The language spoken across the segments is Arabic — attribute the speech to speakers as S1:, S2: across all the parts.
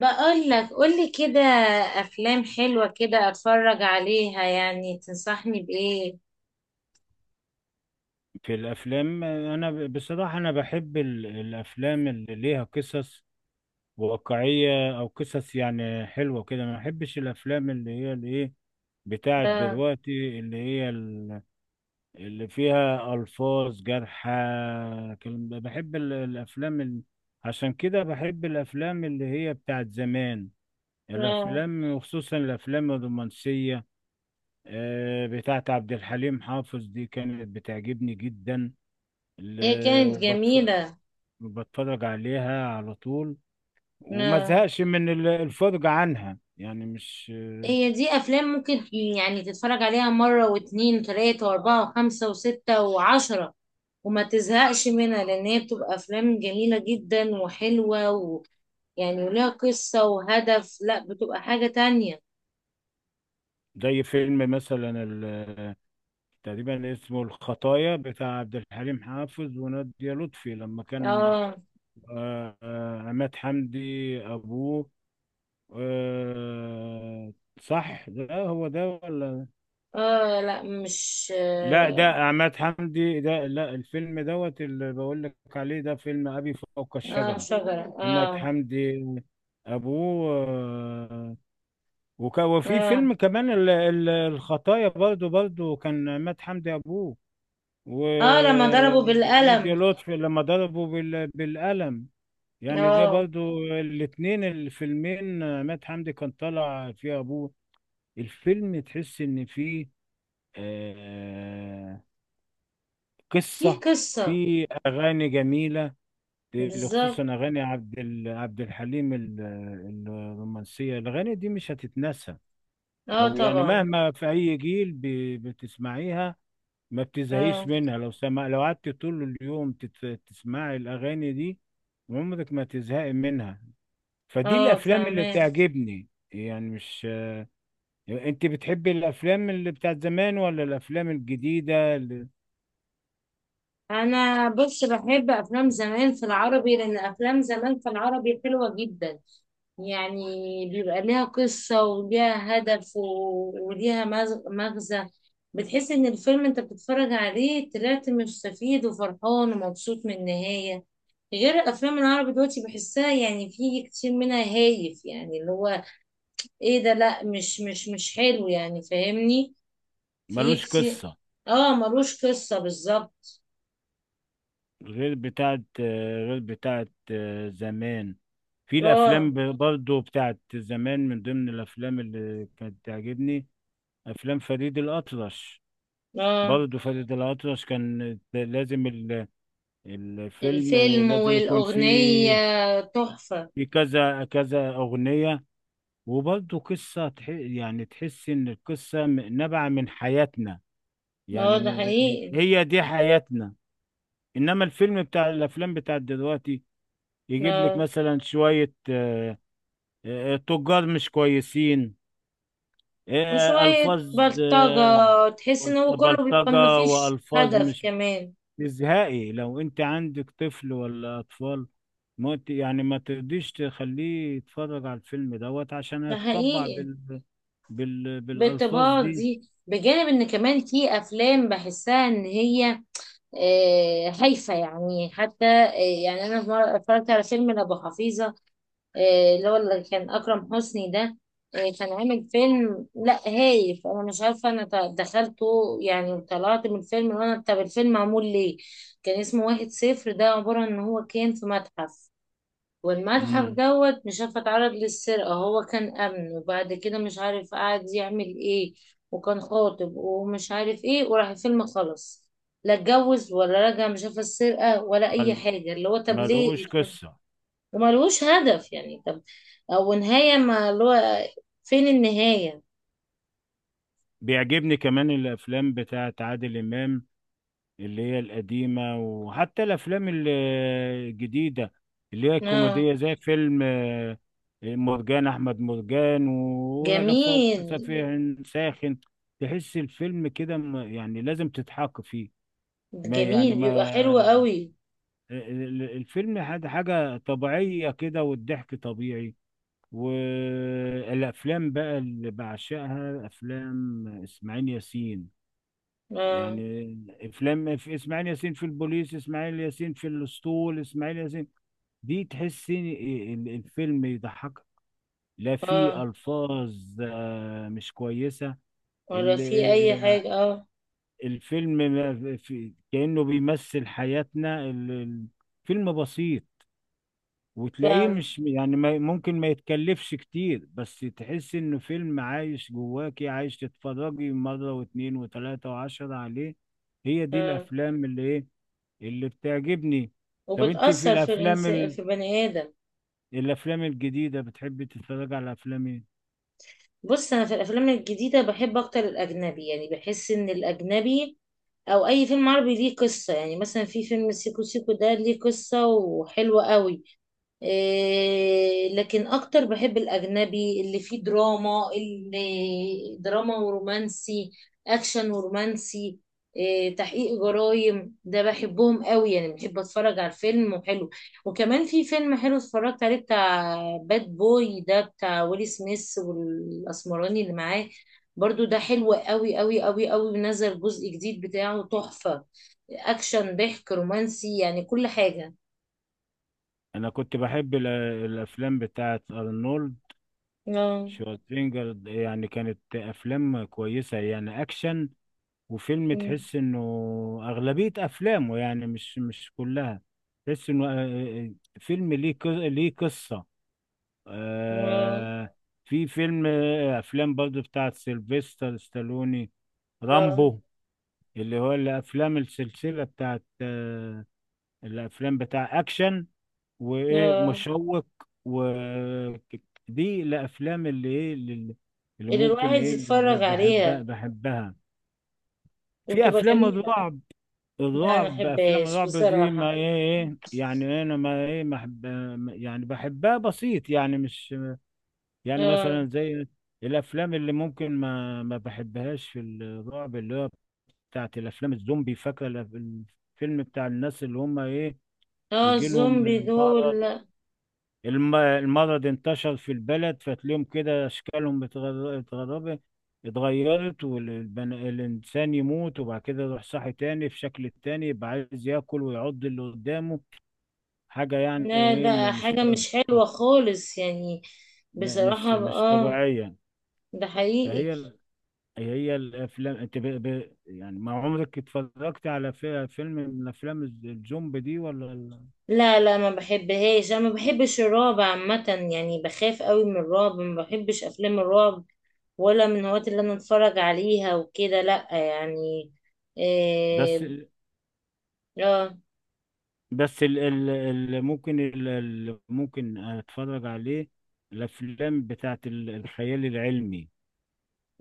S1: بقول لك، قولي كده. افلام حلوة كده اتفرج عليها، يعني تنصحني بايه؟
S2: في الافلام انا بصراحه انا بحب الافلام اللي ليها قصص واقعيه او قصص يعني حلوه كده ما بحبش الافلام اللي هي الايه بتاعت
S1: آه،
S2: دلوقتي اللي هي اللي فيها الفاظ جارحه كلام ده. بحب الافلام عشان كده بحب الافلام اللي هي بتاعت زمان
S1: آه.
S2: الافلام، وخصوصا الافلام الرومانسيه. بتاعت عبد الحليم حافظ دي كانت بتعجبني جدا
S1: هي
S2: ال-
S1: كانت
S2: وبتف...
S1: جميلة.
S2: بتفرج عليها على طول وما
S1: آه.
S2: زهقش من الفرجة عنها، يعني مش
S1: هي دي افلام ممكن يعني تتفرج عليها مرة واتنين وتلاتة واربعة وخمسة وستة وعشرة وما تزهقش منها، لان هي بتبقى افلام جميلة جدا وحلوة، ويعني وليها قصة وهدف، لا بتبقى حاجة تانية.
S2: زي فيلم مثلا تقريبا اسمه الخطايا بتاع عبد الحليم حافظ ونادية لطفي لما كان.
S1: اه،
S2: عماد حمدي أبوه. آه، صح ده هو ده ولا.
S1: اه، لا مش
S2: لا ده
S1: اه.
S2: عماد حمدي، ده لا، الفيلم دوت اللي بقول لك عليه ده فيلم أبي فوق
S1: آه،
S2: الشجرة.
S1: شجرة،
S2: عماد
S1: اه.
S2: حمدي أبوه. آه، وفي
S1: اه،
S2: فيلم كمان الخطايا، برضو كان مات حمدي أبوه
S1: اه، لما ضربه
S2: ونادية
S1: بالقلم،
S2: لطفي لما ضربوا بالقلم، يعني ده
S1: اه.
S2: برضو الاتنين الفيلمين مات حمدي كان طالع فيه أبوه. الفيلم تحس إن فيه آه،
S1: دي
S2: قصة،
S1: قصة.
S2: فيه أغاني جميلة،
S1: بالظبط.
S2: خصوصا أغاني عبد الحليم الرومانسية. الأغاني دي مش هتتنسى
S1: اه
S2: او يعني
S1: طبعا.
S2: مهما في اي جيل بتسمعيها ما بتزهقيش
S1: اه،
S2: منها. لو سمع لو قعدت طول اليوم تسمعي الاغاني دي عمرك ما تزهقي منها. فدي
S1: اه،
S2: الافلام اللي
S1: فاهمة.
S2: تعجبني، يعني مش. يعني انت بتحبي الافلام اللي بتاعت زمان ولا الافلام الجديدة اللي
S1: انا بص، بحب افلام زمان في العربي، لان افلام زمان في العربي حلوة جدا يعني. بيبقى ليها قصة وليها هدف وليها مغزى. بتحس ان الفيلم انت بتتفرج عليه طلعت مستفيد وفرحان ومبسوط من النهاية. غير الافلام العربي دلوقتي بحسها يعني في كتير منها هايف، يعني اللي هو ايه ده؟ لا، مش حلو يعني، فاهمني؟ في
S2: ملوش
S1: كتير.
S2: قصة؟
S1: اه، ملوش قصة بالظبط.
S2: غير بتاعت غير بتاعت زمان. في
S1: اه،
S2: الافلام برضو بتاعت زمان، من ضمن الافلام اللي كانت تعجبني افلام فريد الاطرش.
S1: اه،
S2: برضه فاتت الأطرش كان لازم الفيلم
S1: الفيلم
S2: لازم يكون فيه
S1: والأغنية تحفة.
S2: في كذا كذا أغنية، وبرضه قصة يعني تحس إن القصة نابعة من حياتنا،
S1: اه،
S2: يعني
S1: ده حقيقي.
S2: هي دي حياتنا. إنما الفيلم بتاع الأفلام بتاع دلوقتي يجيب لك
S1: اه،
S2: مثلا شوية آه، آه، تجار مش كويسين، آه،
S1: وشوية
S2: ألفاظ،
S1: بلطجة.
S2: آه،
S1: تحس ان هو كله بيبقى
S2: بلطجة
S1: مفيش
S2: وألفاظ
S1: هدف
S2: مش
S1: كمان.
S2: ازهائي. لو انت عندك طفل ولا اطفال ما ت- يعني ما ترضيش تخليه يتفرج على الفيلم دوت عشان
S1: ده
S2: هيتطبع
S1: حقيقي.
S2: بالالفاظ
S1: بالطباع
S2: دي.
S1: دي بجانب ان كمان في افلام بحسها ان هي هايفة يعني، حتى يعني أنا في مرة اتفرجت على فيلم لأبو حفيظة، اللي هو اللي كان أكرم حسني ده. كان عامل فيلم لا هايف. أنا مش عارفة، أنا دخلته يعني، طلعت من الفيلم وأنا طب الفيلم معمول ليه؟ كان اسمه واحد صفر، ده عبارة إن هو كان في متحف، والمتحف
S2: امم
S1: دوت مش عارفة اتعرض للسرقة، هو كان أمن وبعد كده مش عارف قعد يعمل إيه، وكان خاطب ومش عارف إيه، وراح الفيلم خلص. لا اتجوز ولا رجع، مش عارفة السرقة ولا أي
S2: مل...
S1: حاجة، اللي هو طب ليه؟
S2: ملوش قصة.
S1: وملوش هدف يعني. طب او نهاية، ما اللي هو فين النهاية؟
S2: بيعجبني كمان الافلام بتاعت عادل امام، اللي هي القديمة، وحتى الأفلام الجديدة اللي هي
S1: اه،
S2: الكوميدية، زي فيلم آه، مرجان أحمد مرجان ورجب فوق
S1: جميل.
S2: سفيه ساخن. تحس الفيلم كده يعني لازم تضحك فيه. ما
S1: جميل
S2: يعني ما
S1: بيبقى حلو
S2: آه،
S1: قوي.
S2: الفيلم حاجة طبيعية كده، والضحك طبيعي. والأفلام بقى اللي بعشقها أفلام إسماعيل ياسين،
S1: اه،
S2: يعني افلام في اسماعيل ياسين في البوليس، اسماعيل ياسين في الاسطول، اسماعيل ياسين. دي تحس إن الفيلم يضحك، لا
S1: اه،
S2: في الفاظ آه، مش كويسه.
S1: ولا
S2: ال-
S1: في اي
S2: آه،
S1: حاجة، اه.
S2: الفيلم ما في كانه بيمثل حياتنا، فيلم بسيط، وتلاقيه
S1: فاهم.
S2: مش يعني ممكن ما يتكلفش كتير، بس تحس انه فيلم عايش جواكي عايش، تتفرجي مرة واتنين وتلاتة وعشرة عليه. هي دي
S1: اه،
S2: الافلام اللي ايه، اللي بتعجبني. طب انت في
S1: وبتأثر في بني آدم.
S2: الافلام الجديده بتحبي تتفرج على افلام ايه؟
S1: بص، انا في الافلام الجديدة بحب اكتر الاجنبي، يعني بحس ان الاجنبي او اي فيلم عربي ليه قصة، يعني مثلا في فيلم سيكو سيكو، ده ليه قصة وحلوة قوي. إيه، لكن اكتر بحب الاجنبي اللي فيه دراما، اللي دراما ورومانسي، اكشن ورومانسي. إيه، تحقيق جرائم ده بحبهم قوي، يعني بحب اتفرج على الفيلم وحلو. وكمان في فيلم حلو اتفرجت عليه بتاع باد بوي، ده بتاع ويلي سميث والاسمراني اللي معاه. برضو ده حلو قوي قوي قوي قوي. نزل جزء جديد بتاعه تحفة، اكشن، ضحك، رومانسي، يعني كل حاجة.
S2: انا كنت بحب الافلام بتاعه ارنولد
S1: اه،
S2: شوارزنيجر، يعني كانت افلام كويسه يعني اكشن، وفيلم تحس انه اغلبيه افلامه، يعني مش كلها، تحس انه آه، آه، فيلم ليه قصه
S1: اه،
S2: آه... في فيلم آه، افلام برضه بتاعه سيلفستر ستالوني،
S1: لا،
S2: رامبو، اللي هو الافلام السلسله بتاعت آه، الافلام بتاع اكشن وايه
S1: لا،
S2: مشوق و دي الافلام اللي
S1: اللي
S2: ممكن
S1: الواحد
S2: ايه اللي
S1: يتفرج
S2: بحبها
S1: عليها
S2: بحبها في
S1: وبتبقى
S2: افلام
S1: جميلة.
S2: الرعب،
S1: لا أنا
S2: افلام
S1: محبهاش
S2: الرعب دي ما
S1: بصراحة.
S2: ايه ايه، يعني انا ما ايه ما يعني بحبها بسيط، يعني مش، يعني
S1: اه،
S2: مثلا زي الافلام اللي ممكن ما بحبهاش في الرعب اللي هو بتاعت الافلام الزومبي. فاكره الفيلم بتاع الناس اللي هم ايه،
S1: اه،
S2: يجي لهم
S1: الزومبي دول
S2: المرض.
S1: لا.
S2: المرض انتشر في البلد، فتلاقيهم كده اشكالهم اتغربت اتغيرت، والإنسان يموت وبعد كده يروح صاحي تاني في شكل تاني، يبقى عايز ياكل ويعض اللي قدامه. حاجة يعني
S1: لا،
S2: ايه
S1: ده
S2: م- مش
S1: حاجة مش حلوة خالص يعني،
S2: م-
S1: بصراحة،
S2: مش مش
S1: اه،
S2: طبيعية.
S1: ده حقيقي.
S2: فهي هي الافلام، انت يعني ما عمرك اتفرجت على فيلم من افلام الزومبي دي ولا؟
S1: لا، لا، ما بحبهاش، انا ما بحبش الرعب عامة، يعني بخاف قوي من الرعب، ما بحبش افلام الرعب، ولا من الهوايات اللي انا اتفرج عليها وكده، لا يعني.
S2: بس
S1: إيه، اه،
S2: بس ال ال ال ممكن ال ال ممكن اتفرج عليه الافلام بتاعت الخيال العلمي.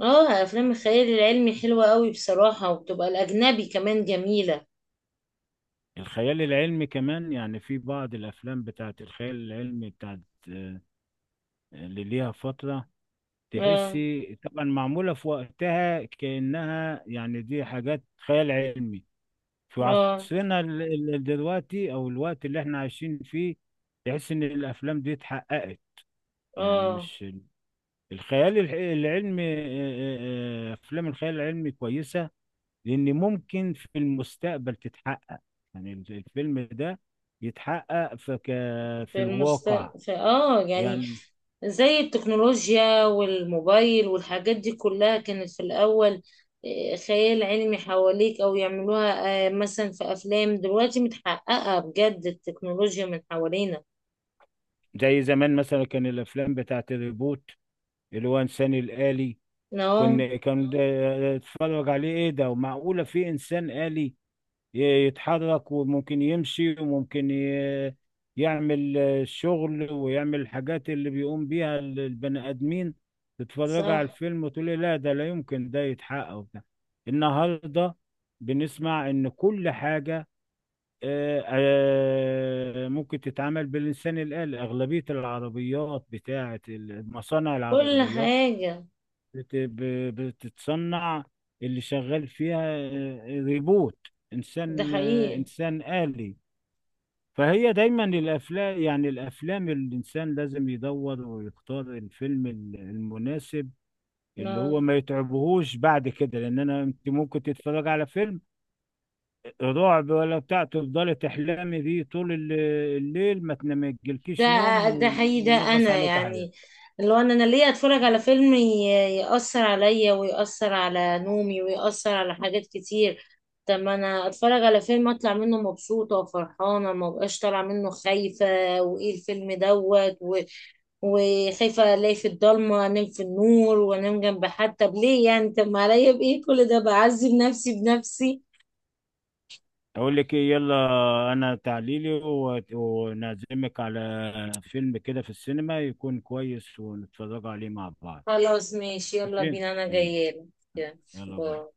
S1: اه، افلام الخيال العلمي حلوة قوي بصراحة، وبتبقى الاجنبي كمان جميلة.
S2: الخيال العلمي كمان، يعني في بعض الافلام بتاعت الخيال العلمي بتاعت آه، اللي ليها فترة،
S1: اه،
S2: تحسي طبعا معمولة في وقتها كأنها، يعني دي حاجات خيال علمي، في
S1: اه،
S2: دلوقتي او الوقت اللي احنا عايشين فيه، تحس ان الافلام دي اتحققت، يعني
S1: اه،
S2: مش. الخيال الح- العلمي آه، آه، آه، افلام الخيال العلمي كويسه لان ممكن في المستقبل تتحقق، يعني الفيلم ده يتحقق في في
S1: في المست
S2: الواقع،
S1: في يعني،
S2: يعني
S1: زي التكنولوجيا والموبايل والحاجات دي كلها كانت في الاول خيال علمي حواليك او يعملوها، مثلا في افلام دلوقتي متحققة بجد، التكنولوجيا من حوالينا.
S2: زي زمان مثلا كان الافلام بتاعت الريبوت، اللي هو انسان الآلي.
S1: اه،
S2: كنا كان ده اتفرج عليه ايه ده ومعقوله في انسان آلي يتحرك وممكن يمشي وممكن يعمل الشغل ويعمل الحاجات اللي بيقوم بيها البني آدمين. تتفرج على
S1: صح،
S2: الفيلم وتقولي لا ده لا يمكن ده يتحقق وبتاع. النهارده بنسمع إن كل حاجة آه، آه، ممكن تتعمل بالإنسان الآلي. أغلبية العربيات بتاعة مصانع
S1: كل
S2: العربيات
S1: حاجة.
S2: بتتصنع اللي شغال فيها آه، ريبوت
S1: ده
S2: انسان آه،
S1: حقيقي،
S2: انسان آلي. فهي دايما الافلام، يعني الافلام الانسان لازم يدور ويختار الفيلم المناسب اللي
S1: اه،
S2: هو ما يتعبهوش بعد كده، لان انت ممكن تتفرج على فيلم رعب ولا بتاع تفضلي تحلمي بيه طول الليل، ما تنام ما يجيلكيش
S1: ده
S2: نوم
S1: ده حقيقي، ده
S2: وينغص
S1: انا
S2: عليك حاجه.
S1: يعني. لو انا ليه اتفرج على فيلم يأثر عليا، ويأثر على نومي، ويأثر على حاجات كتير، طب ما انا اتفرج على فيلم اطلع منه مبسوطة وفرحانة، ما بقاش طالعة منه خايفة، وايه الفيلم دوت وخايفة الاقي في الضلمة انام في النور وانام جنب حد. طب ليه يعني؟ طب ما عليا بايه كل ده، بعذب نفسي بنفسي.
S2: اقول لك ايه؟ يلا، انا ونعزمك على فيلم كده في السينما يكون كويس ونتفرج عليه مع بعض.
S1: خلاص، ماشي، يلا
S2: ماشي؟
S1: بينا، انا
S2: يلا.
S1: جاية
S2: يلا باي.
S1: لك.